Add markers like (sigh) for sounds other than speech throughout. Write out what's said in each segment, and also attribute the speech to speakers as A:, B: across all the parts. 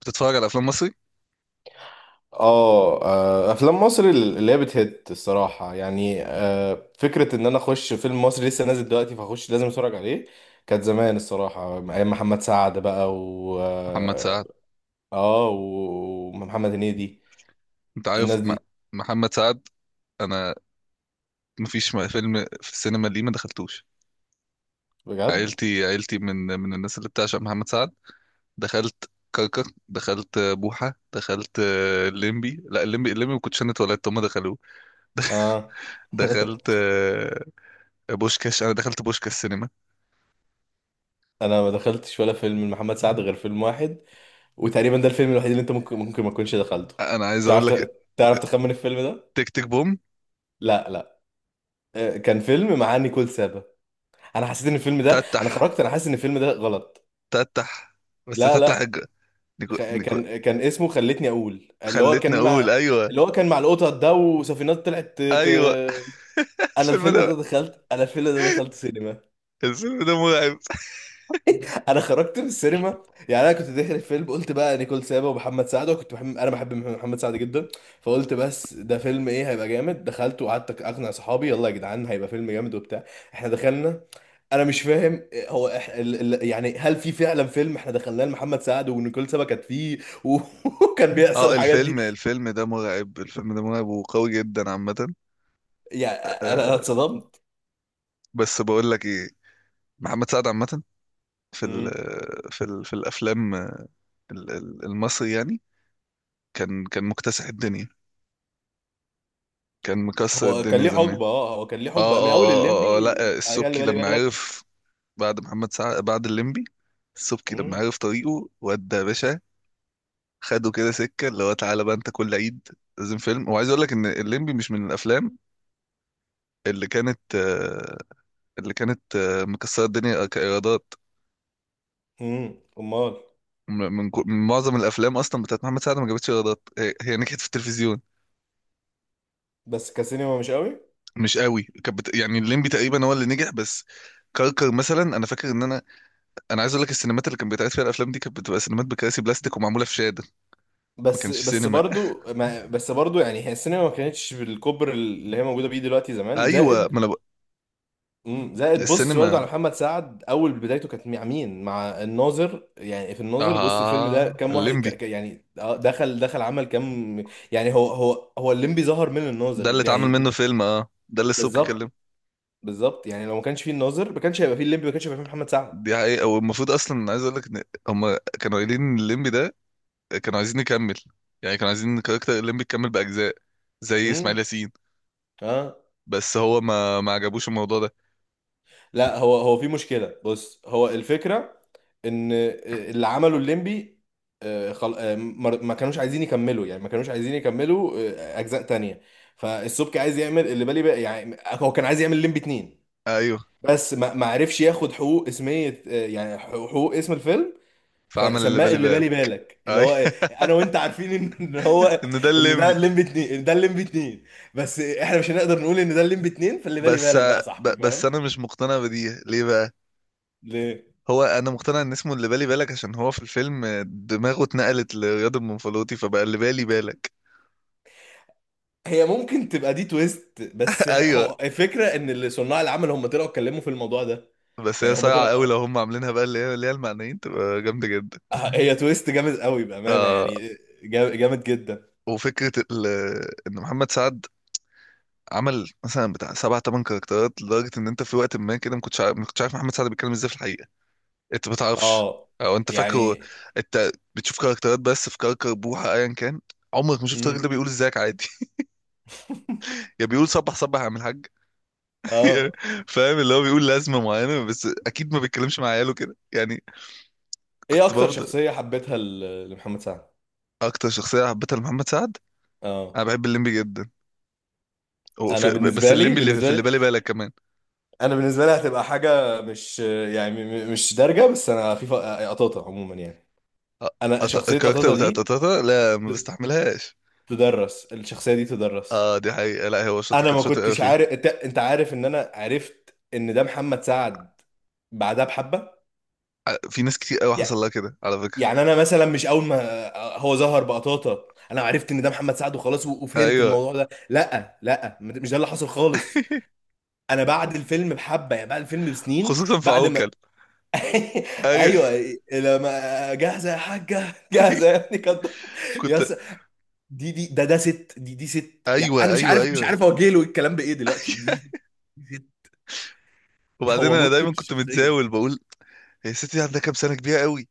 A: بتتفرج على افلام مصري؟
B: افلام مصر اللي هي بتهت الصراحه يعني، فكره ان انا اخش فيلم مصري لسه نازل دلوقتي فاخش لازم اتفرج عليه. كانت زمان الصراحه ايام محمد سعد بقى، و
A: محمد
B: اه
A: سعد.
B: آه، و- ومحمد هنيدي
A: انت عارف
B: الناس
A: م...
B: دي.
A: محمد سعد. انا مفيش م- فيلم في السينما، ليه ما دخلتوش؟
B: بجد؟
A: عيلتي من الناس اللي بتعشق محمد سعد. دخلت كركر، دخلت بوحة، دخلت الليمبي. لا الليمبي ما كنتش انا اتولدت، هم دخلوه. (laughs)
B: اه. (laughs)
A: دخلت بوشكاش. انا دخلت بوشكاش سينما.
B: انا ما دخلتش ولا فيلم لمحمد سعد غير فيلم واحد، وتقريبا ده الفيلم الوحيد اللي انت ممكن ما تكونش دخلته.
A: انا عايز اقول
B: تعرف
A: لك،
B: تعرف تخمن الفيلم ده؟
A: تك تك بوم.
B: لا لا. كان فيلم مع نيكول سابا. انا حسيت ان الفيلم ده، انا
A: تتح،
B: خرجت، انا حاسس ان الفيلم ده غلط.
A: تتح، بس
B: لا
A: تتح
B: لا.
A: الج-...
B: خ-
A: نيكو... نيكو...
B: كان كان اسمه خلتني اقول، اللي هو
A: خلتني
B: كان
A: اقول،
B: مع،
A: ايوه.
B: اللي هو كان مع القطط ده وسفينات طلعت
A: ايوه (laughs)
B: انا
A: الفيلم
B: الفيلم ده
A: ده.
B: دخلت، انا الفيلم ده دخلت سينما.
A: الفيلم ده مرعب.
B: انا خرجت من السينما. يعني انا كنت داخل الفيلم قلت بقى نيكول سابا ومحمد سعد، وكنت بحب، انا بحب محمد سعد جدا، فقلت بس ده فيلم ايه، هيبقى جامد. دخلت وقعدت اقنع صحابي يلا يا جدعان هيبقى فيلم جامد وبتاع. احنا دخلنا. انا مش فاهم. هو يعني هل في فعلا فيلم احنا دخلناه لمحمد سعد ونيكول سابا كانت فيه؟ و- (laughs) وكان بيحصل
A: اه،
B: الحاجات دي.
A: الفيلم ده مرعب، الفيلم ده مرعب وقوي جدا عامة.
B: يعني أنا
A: آه،
B: اتصدمت.
A: بس بقول لك ايه، محمد سعد عامة في ال
B: مم.
A: في الافلام المصري يعني كان مكتسح الدنيا، كان مكسر
B: هو كان
A: الدنيا
B: ليه
A: زمان.
B: حقبه، اه هو كان ليه
A: اه
B: حقبه من اول
A: اه اه اه, آه
B: الليمبي
A: لا آه،
B: على اللي
A: السبكي
B: بالي
A: لما
B: بالك.
A: عرف، بعد محمد سعد بعد الليمبي، السبكي لما
B: مم.
A: عرف طريقه ودى يا باشا، خده كده سكة اللي هو تعالى بقى انت كل عيد لازم فيلم. وعايز اقول لك ان الليمبي مش من الافلام اللي كانت آه، اللي كانت مكسرة الدنيا كإيرادات.
B: مم. امال.
A: م- من, كو- من معظم الأفلام أصلا بتاعت محمد سعد ما جابتش إيرادات. هي نجحت في التلفزيون،
B: بس كسينما مش قوي.
A: مش قوي. كانت بت... يعني الليمبي تقريبا هو اللي نجح بس. كركر مثلا، انا فاكر ان انا انا عايز اقول لك السينمات اللي كانت بيتعرض فيها الافلام دي كانت بتبقى سينمات بكراسي بلاستيك ومعموله في شاده، ما
B: بس
A: كانش
B: بس
A: سينما.
B: برضو، ما بس برضو، يعني هي السينما ما كانتش بالكبر اللي هي موجوده بيه دلوقتي زمان.
A: ايوه
B: زائد،
A: ما انا ب...
B: مم، زائد بص برضو،
A: السينما،
B: على محمد سعد اول بدايته كانت مع مين؟ مع الناظر. يعني في الناظر بص، الفيلم ده
A: اه
B: كام واحد
A: الليمبي
B: يعني، دخل عمل كام. يعني هو الليمبي ظهر من
A: ده اللي
B: الناظر
A: اتعمل
B: يعني.
A: منه فيلم، اه ده اللي السبكي
B: بالظبط.
A: كلمه.
B: بالظبط، يعني لو ما كانش فيه الناظر ما كانش هيبقى فيه الليمبي، ما كانش هيبقى فيه محمد سعد.
A: دي حقيقة. والمفروض اصلا عايز اقول لك ان هم كانوا قايلين إن الليمبي ده كانوا عايزين نكمل. يعني كانوا عايزين كاركتر الليمبي يكمل باجزاء زي اسماعيل
B: امم.
A: ياسين.
B: اه.
A: بس هو ما عجبوش الموضوع ده.
B: لا هو، هو في مشكله بص، هو الفكره ان اللي عمله الليمبي، آه، خل... آه، ما كانوش عايزين يكملوا، يعني ما كانوش عايزين يكملوا اجزاء تانية. فالسبكي عايز يعمل اللي بالي بقى، يعني هو كان عايز يعمل الليمبي اتنين،
A: ايوه
B: بس ما عرفش ياخد حقوق اسمية، يعني حقوق اسم الفيلم.
A: فعمل اللي
B: فسماه
A: بالي
B: اللي بالي
A: بالك.
B: بالك، اللي
A: ايوه
B: هو انا وانت عارفين إن
A: (laughs)
B: هو،
A: ان ده
B: ان ده
A: الليمبي.
B: الليمبي اتنين، إن ده الليمبي اتنين، بس احنا مش هنقدر نقول ان ده الليمبي اتنين، فاللي بالي
A: بس
B: بالك بقى يا
A: ب-
B: صاحبي،
A: بس
B: فاهم؟
A: انا مش مقتنع بدي، ليه بقى؟
B: ليه؟
A: هو انا مقتنع ان اسمه اللي بالي بالك عشان هو في الفيلم دماغه اتنقلت لرياض المنفلوطي فبقى اللي بالي بالك.
B: هي ممكن تبقى دي تويست، بس
A: (laughs) ايوه.
B: هو الفكره ان اللي صناع العمل هم طلعوا اتكلموا في الموضوع ده.
A: بس هي
B: يعني هم
A: صايعه
B: طلعوا،
A: قوي لو هم عاملينها، بقى اللي هي المعنيين، تبقى جامده جدا.
B: هي تويست جامد قوي بامانه
A: آه،
B: يعني. جامد جدا.
A: وفكره ال- ان محمد سعد عمل مثلا بتاع سبع تمن كاركترات لدرجه ان انت في وقت ما كده ما كنتش عارف محمد سعد بيتكلم ازاي في الحقيقه. انت ما تعرفش
B: اه.
A: او انت فاكره
B: يعني.
A: انت بتشوف كاركترات بس. في كركر بوحه ايا كان عمرك ما شفت
B: امم.
A: الراجل ده بيقول ازيك عادي. (laughs) يا بيقول صبح صبح يا عم الحاج. (laughs)
B: اه.
A: فاهم؟ اللي هو بيقول لازمه معينه بس اكيد ما بيتكلمش مع عياله كده يعني.
B: ايه
A: كنت
B: اكتر
A: بفضل
B: شخصيه حبيتها ل- لمحمد سعد؟
A: اكتر شخصيه حبيتها لمحمد سعد،
B: اه.
A: انا بحب الليمبي جدا.
B: انا
A: وفي- بس
B: بالنسبه لي،
A: الليمبي اللي في
B: بالنسبه
A: اللي
B: لي
A: بالي بالك كمان.
B: انا بالنسبه لي هتبقى حاجه مش يعني مش دارجه، بس انا في قطاطه عموما يعني.
A: أ-
B: انا
A: أط-
B: شخصيه
A: الكاركتر
B: قطاطه
A: بتاع
B: دي،
A: تاتاتا، لا ما
B: ت-
A: بستحملهاش.
B: تدرس الشخصيه دي تدرس.
A: اه دي حقيقة. لا هو شاطر،
B: انا
A: كان
B: ما
A: شاطر قوي
B: كنتش
A: فيه.
B: عارف، أنت عارف ان انا عرفت ان ده محمد سعد بعدها بحبه.
A: ع- في ناس كتير قوي حصل
B: يع-
A: لها كده على فكرة.
B: يعني انا مثلا مش اول ما هو ظهر بقطاطا انا عرفت ان ده محمد سعد وخلاص، وفهمت
A: ايوه
B: الموضوع ده، لا لا مش ده اللي حصل خالص.
A: (laughs)
B: انا بعد الفيلم بحبه، يعني بعد الفيلم بسنين.
A: خصوصا في
B: بعد ما.
A: عوكل.
B: (laughs)
A: ايوه
B: ايوه. لما جاهزه يا حاجه
A: (laughs) ايوه
B: جاهزه يا ابني كده. يا
A: كنت
B: س- دي دي ده ده ست، دي ست، يعني انا
A: ايوه
B: مش
A: ايوه
B: عارف، مش
A: ايوه
B: عارف اوجه له الكلام بايه دلوقتي،
A: (laughs)
B: دي ست.
A: وبعدين
B: هو
A: انا
B: متقن
A: دايما كنت
B: الشخصيه.
A: متزاول بقول هي الست دي عندها كام سنة كبيرة قوي،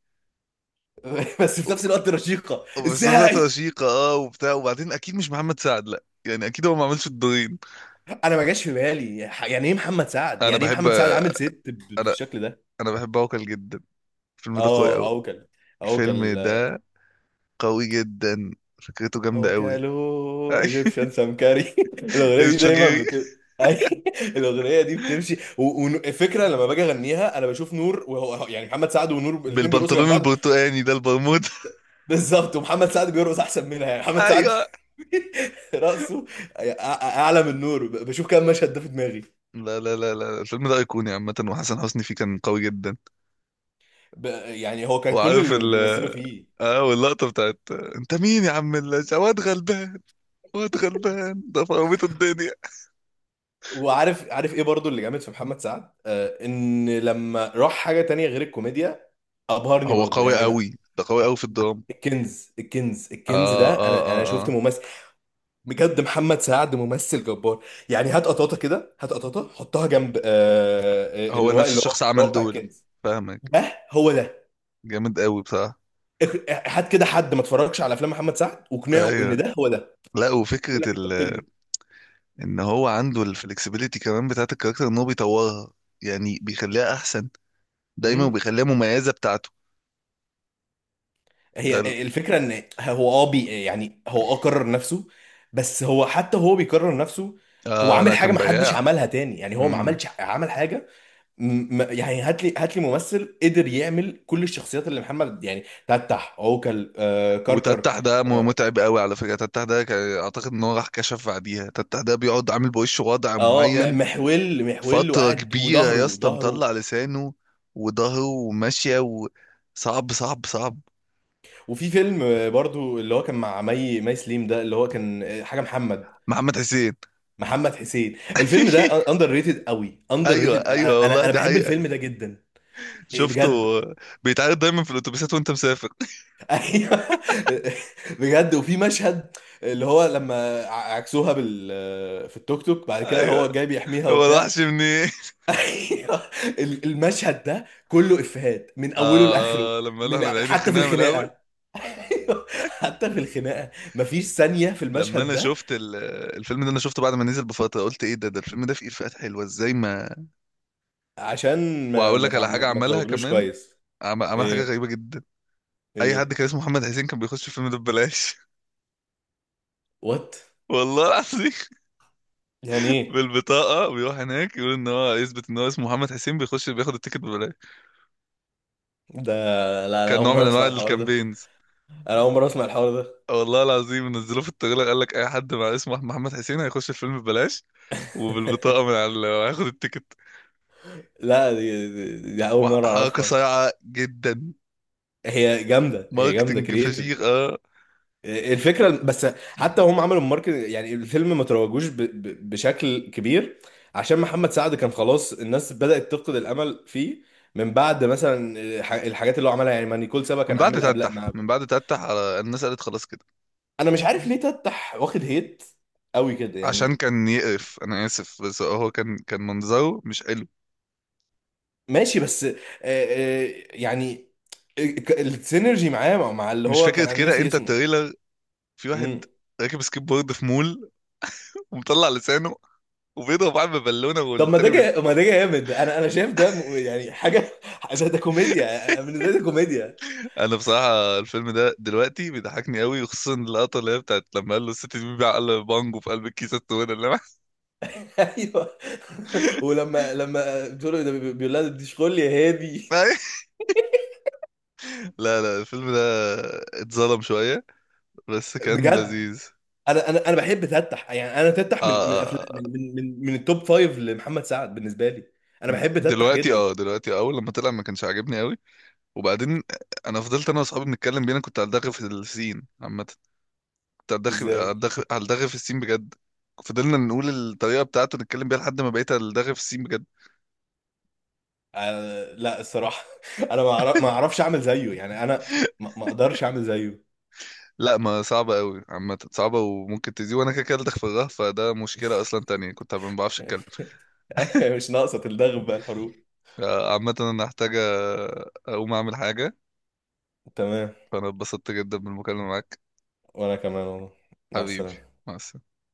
B: (laughs) بس في نفس الوقت رشيقه
A: بس في نفس الوقت
B: ازاي.
A: رشيقة، اه وبتاع. وبعدين اكيد مش محمد سعد، لا يعني اكيد هو ما عملش الدورين.
B: انا ما جاش في بالي يعني ايه محمد سعد،
A: انا
B: يعني ايه
A: بحب،
B: محمد سعد عامل ست
A: انا
B: بالشكل ده.
A: انا بحب عوكل جدا. الفيلم ده قوي
B: اه
A: قوي،
B: اوكل.
A: الفيلم
B: اوكل.
A: ده قوي جدا، فكرته جامدة قوي.
B: اوكلو ايجيبشن سمكري. (laughs)
A: (laughs)
B: الاغنيه دي دايما
A: الشوجيري
B: (laughs) الاغنيه دي بتمشي، وفكره لما باجي اغنيها انا بشوف نور وهو، يعني محمد سعد ونور الاثنين بيرقصوا جنب
A: بالبنطلون
B: بعض.
A: البرتقاني ده البرمودا.
B: بالظبط، ومحمد سعد بيرقص احسن منها، يعني
A: (laughs)
B: محمد سعد
A: ايوه.
B: (laughs) رقصه أع- اعلى من نور بشوف كام مشهد ده في دماغي.
A: لا لا لا لا، الفيلم ده ايقوني عامة، وحسن حسني فيه كان قوي جدا.
B: ب... يعني هو كان كل
A: وعارف
B: اللي
A: ال،
B: بيمثله فيه.
A: اه واللقطة بتاعت انت مين يا عم اللاش، واد غلبان. واد غلبان ده فرميت الدنيا.
B: وعارف، عارف ايه برضو اللي جامد في محمد سعد؟ آه، ان لما راح حاجة تانية غير الكوميديا ابهرني
A: هو
B: برضو،
A: قوي
B: يعني ما...
A: قوي، ده قوي قوي في الدراما.
B: الكنز، الكنز
A: اه
B: الكنز ده،
A: اه
B: انا
A: اه
B: انا شفت
A: اه،
B: ممثل بجد، محمد سعد ممثل جبار. يعني هات قطاطة كده، هات قطاطة حطها جنب، آه آه،
A: هو
B: اللي هو
A: نفس
B: اللي هو
A: الشخص
B: اللي هو
A: عمل
B: بتاع
A: دول.
B: الكنز.
A: فاهمك،
B: ده هو ده.
A: جامد قوي بصراحة.
B: اخ- هات كده حد ما اتفرجش على افلام محمد سعد واقنعه
A: ايوه،
B: ان ده هو ده،
A: لا وفكرة
B: يقول لك انت
A: ال،
B: بتكذب.
A: ان هو عنده الفلكسبيليتي كمان بتاعت الكاركتر، ان هو بيطورها يعني بيخليها احسن دايما،
B: مم.
A: وبيخليها مميزه بتاعته. ده ال...
B: هي الفكرة ان هو اه بي، يعني هو اه كرر نفسه، بس هو حتى هو بيكرر نفسه. هو
A: آه
B: عامل
A: لا
B: حاجة
A: كان
B: ما حدش
A: بياع.
B: عملها تاني، يعني هو ما
A: امم.
B: عملش، عمل حاجة يعني هات لي، هات لي ممثل قدر يعمل كل الشخصيات اللي محمد، يعني تتح، عوكل، آه كركر.
A: وتتح ده م-
B: اه.
A: متعب قوي على فكره. تتح ده كان- اعتقد ان هو راح كشف بعديها. تتح ده بيقعد عامل بوشه وضع
B: آه، م-
A: معين
B: محول محول
A: فتره
B: وقاعد،
A: كبيره يا
B: وظهره
A: اسطى،
B: ظهره
A: مطلع لسانه وظهره وماشيه، وصعب صعب.
B: وفي فيلم برضو اللي هو كان مع مي سليم ده، اللي هو كان حاجة محمد،
A: محمد حسين.
B: محمد حسين. الفيلم ده
A: (laughs)
B: اندر ريتد قوي، اندر
A: ايوه
B: ريتد، انا
A: ايوه، والله
B: انا أنا
A: دي
B: بحب
A: حقيقه.
B: الفيلم ده جدا. إيه
A: شفته
B: بجد؟
A: بيتعرض دايما في الاتوبيسات وانت مسافر.
B: (laughs) ايوه بجد. وفي مشهد اللي هو لما عكسوها بال، في التوك توك
A: (laughs)
B: بعد كده
A: ايوه
B: هو جاي بيحميها
A: هو
B: وبتاع.
A: الوحش منين. (laughs)
B: (laughs) ايوه. المشهد ده كله افيهات من اوله لاخره.
A: آه, اه، لما قالوا
B: من
A: احنا بنعيد
B: حتى في
A: الخناقه من الاول.
B: الخناقه. أيوة، حتى في الخناقه مفيش ثانيه في
A: لما
B: المشهد
A: انا
B: ده.
A: شفت ال- الفيلم ده، انا شفته بعد ما نزل بفتره، قلت ايه ده، ده الفيلم ده فيه افيهات حلوه ازاي. ما
B: عشان
A: واقول لك على حاجه
B: ما
A: عملها
B: تروجلوش
A: كمان،
B: كويس.
A: عمل, عمل حاجه
B: ايه؟
A: غريبه جدا. اي حد
B: ايه؟
A: كان اسمه محمد حسين كان بيخش الفيلم ده ببلاش.
B: وات؟
A: (laughs) والله العظيم.
B: يعني ايه
A: بالبطاقه، بيروح هناك يقول ان هو يثبت ان هو اسمه محمد حسين، بيخش بياخد التيكت ببلاش.
B: ده؟ لا، انا
A: كان
B: اول
A: نوع من
B: مره
A: انواع
B: اسمع الحوار ده.
A: الكامبينز.
B: انا اول مره اسمع الحوار ده.
A: والله العظيم نزلوه في التغيير قال لك اي حد مع اسمه محمد حسين هيخش الفيلم ببلاش، وبالبطاقه
B: (laughs)
A: من على هياخد التيكت.
B: لا دي اول مره
A: وحركه
B: اعرفها.
A: صايعه جدا،
B: هي جامده
A: ماركتنج فشيخ
B: كرييتيف.
A: اه.
B: الفكره بس حتى هم عملوا الماركت، يعني الفيلم ما تروجوش بشكل كبير، عشان محمد سعد كان خلاص الناس بدات تفقد الامل فيه من بعد مثلا الحاجات اللي هو عملها، يعني ما نيكول سابا
A: من
B: كان
A: بعد
B: عامل قبل
A: تفتح،
B: مع.
A: من بعد تفتح على الناس قالت خلاص كده.
B: انا مش عارف ليه تفتح واخد هيت قوي كده
A: عشان
B: يعني.
A: كان يقرف، انا اسف بس هو كان منظره مش حلو.
B: ماشي بس، يعني، السينرجي معاه، مع مع اللي
A: مش
B: هو كان،
A: فكره
B: انا
A: كده
B: ناسي
A: انت
B: اسمه.
A: التريلر، في
B: مم.
A: واحد راكب سكيب بورد في مول ومطلع لسانه وبيضرب واحد ببالونه
B: طب ما
A: والتاني
B: ده
A: بيض...
B: ما ده جامد، انا شايف ده يعني حاجه، (laughs) ده ده
A: (laughs)
B: كوميديا، بالنسبه لي ده كوميديا.
A: انا بصراحه الفيلم ده دلوقتي بيضحكني قوي، وخصوصا اللقطه اللي هي بتاعت لما قال له الست دي بيبيع، قال بانجو في قلب الكيسه السوداء اللي معاه.
B: (laughs) ايوه. (laughs) ولما، لما بتقول له ده بيقول لها دي شغل يا هادي.
A: (laughs) لا لا، الفيلم ده اتظلم شويه، بس كان
B: بجد؟
A: لذيذ.
B: انا بحب تتح، يعني انا تتح
A: اه
B: من من
A: آه،
B: افلام
A: آه.
B: من التوب فايف لمحمد سعد بالنسبه لي. انا بحب تتح
A: دلوقتي،
B: جدا.
A: اه دلوقتي اول لما طلع ما كانش عاجبني قوي، وبعدين انا فضلت انا واصحابي بنتكلم بينا، كنت هلدغ في السين عامه. كنت هلدغ،
B: ازاي؟
A: هلدغ في السين بجد. فضلنا نقول الطريقه بتاعته نتكلم بيها لحد ما بقيت هلدغ في السين بجد.
B: أنا لا الصراحة، (laughs) أنا ما أعرفش أعمل زيه، يعني أنا ما أقدرش أعمل زيه.
A: لا، ما صعبه قوي عامه، صعبه وممكن تزيد، وانا كده كده هلدغ في الغه، فده مشكله اصلا تانية، كنت ما بعرفش اتكلم.
B: (laughs) مش ناقصة تلدغ بقى الحروب.
A: آه، عامه انا هحتاج آه، اقوم اعمل حاجه.
B: تمام.
A: فانا اتبسطت جدا بالمكالمه معاك.
B: وأنا كمان والله. مع
A: حبيبي،
B: السلامة.
A: مع السلامه.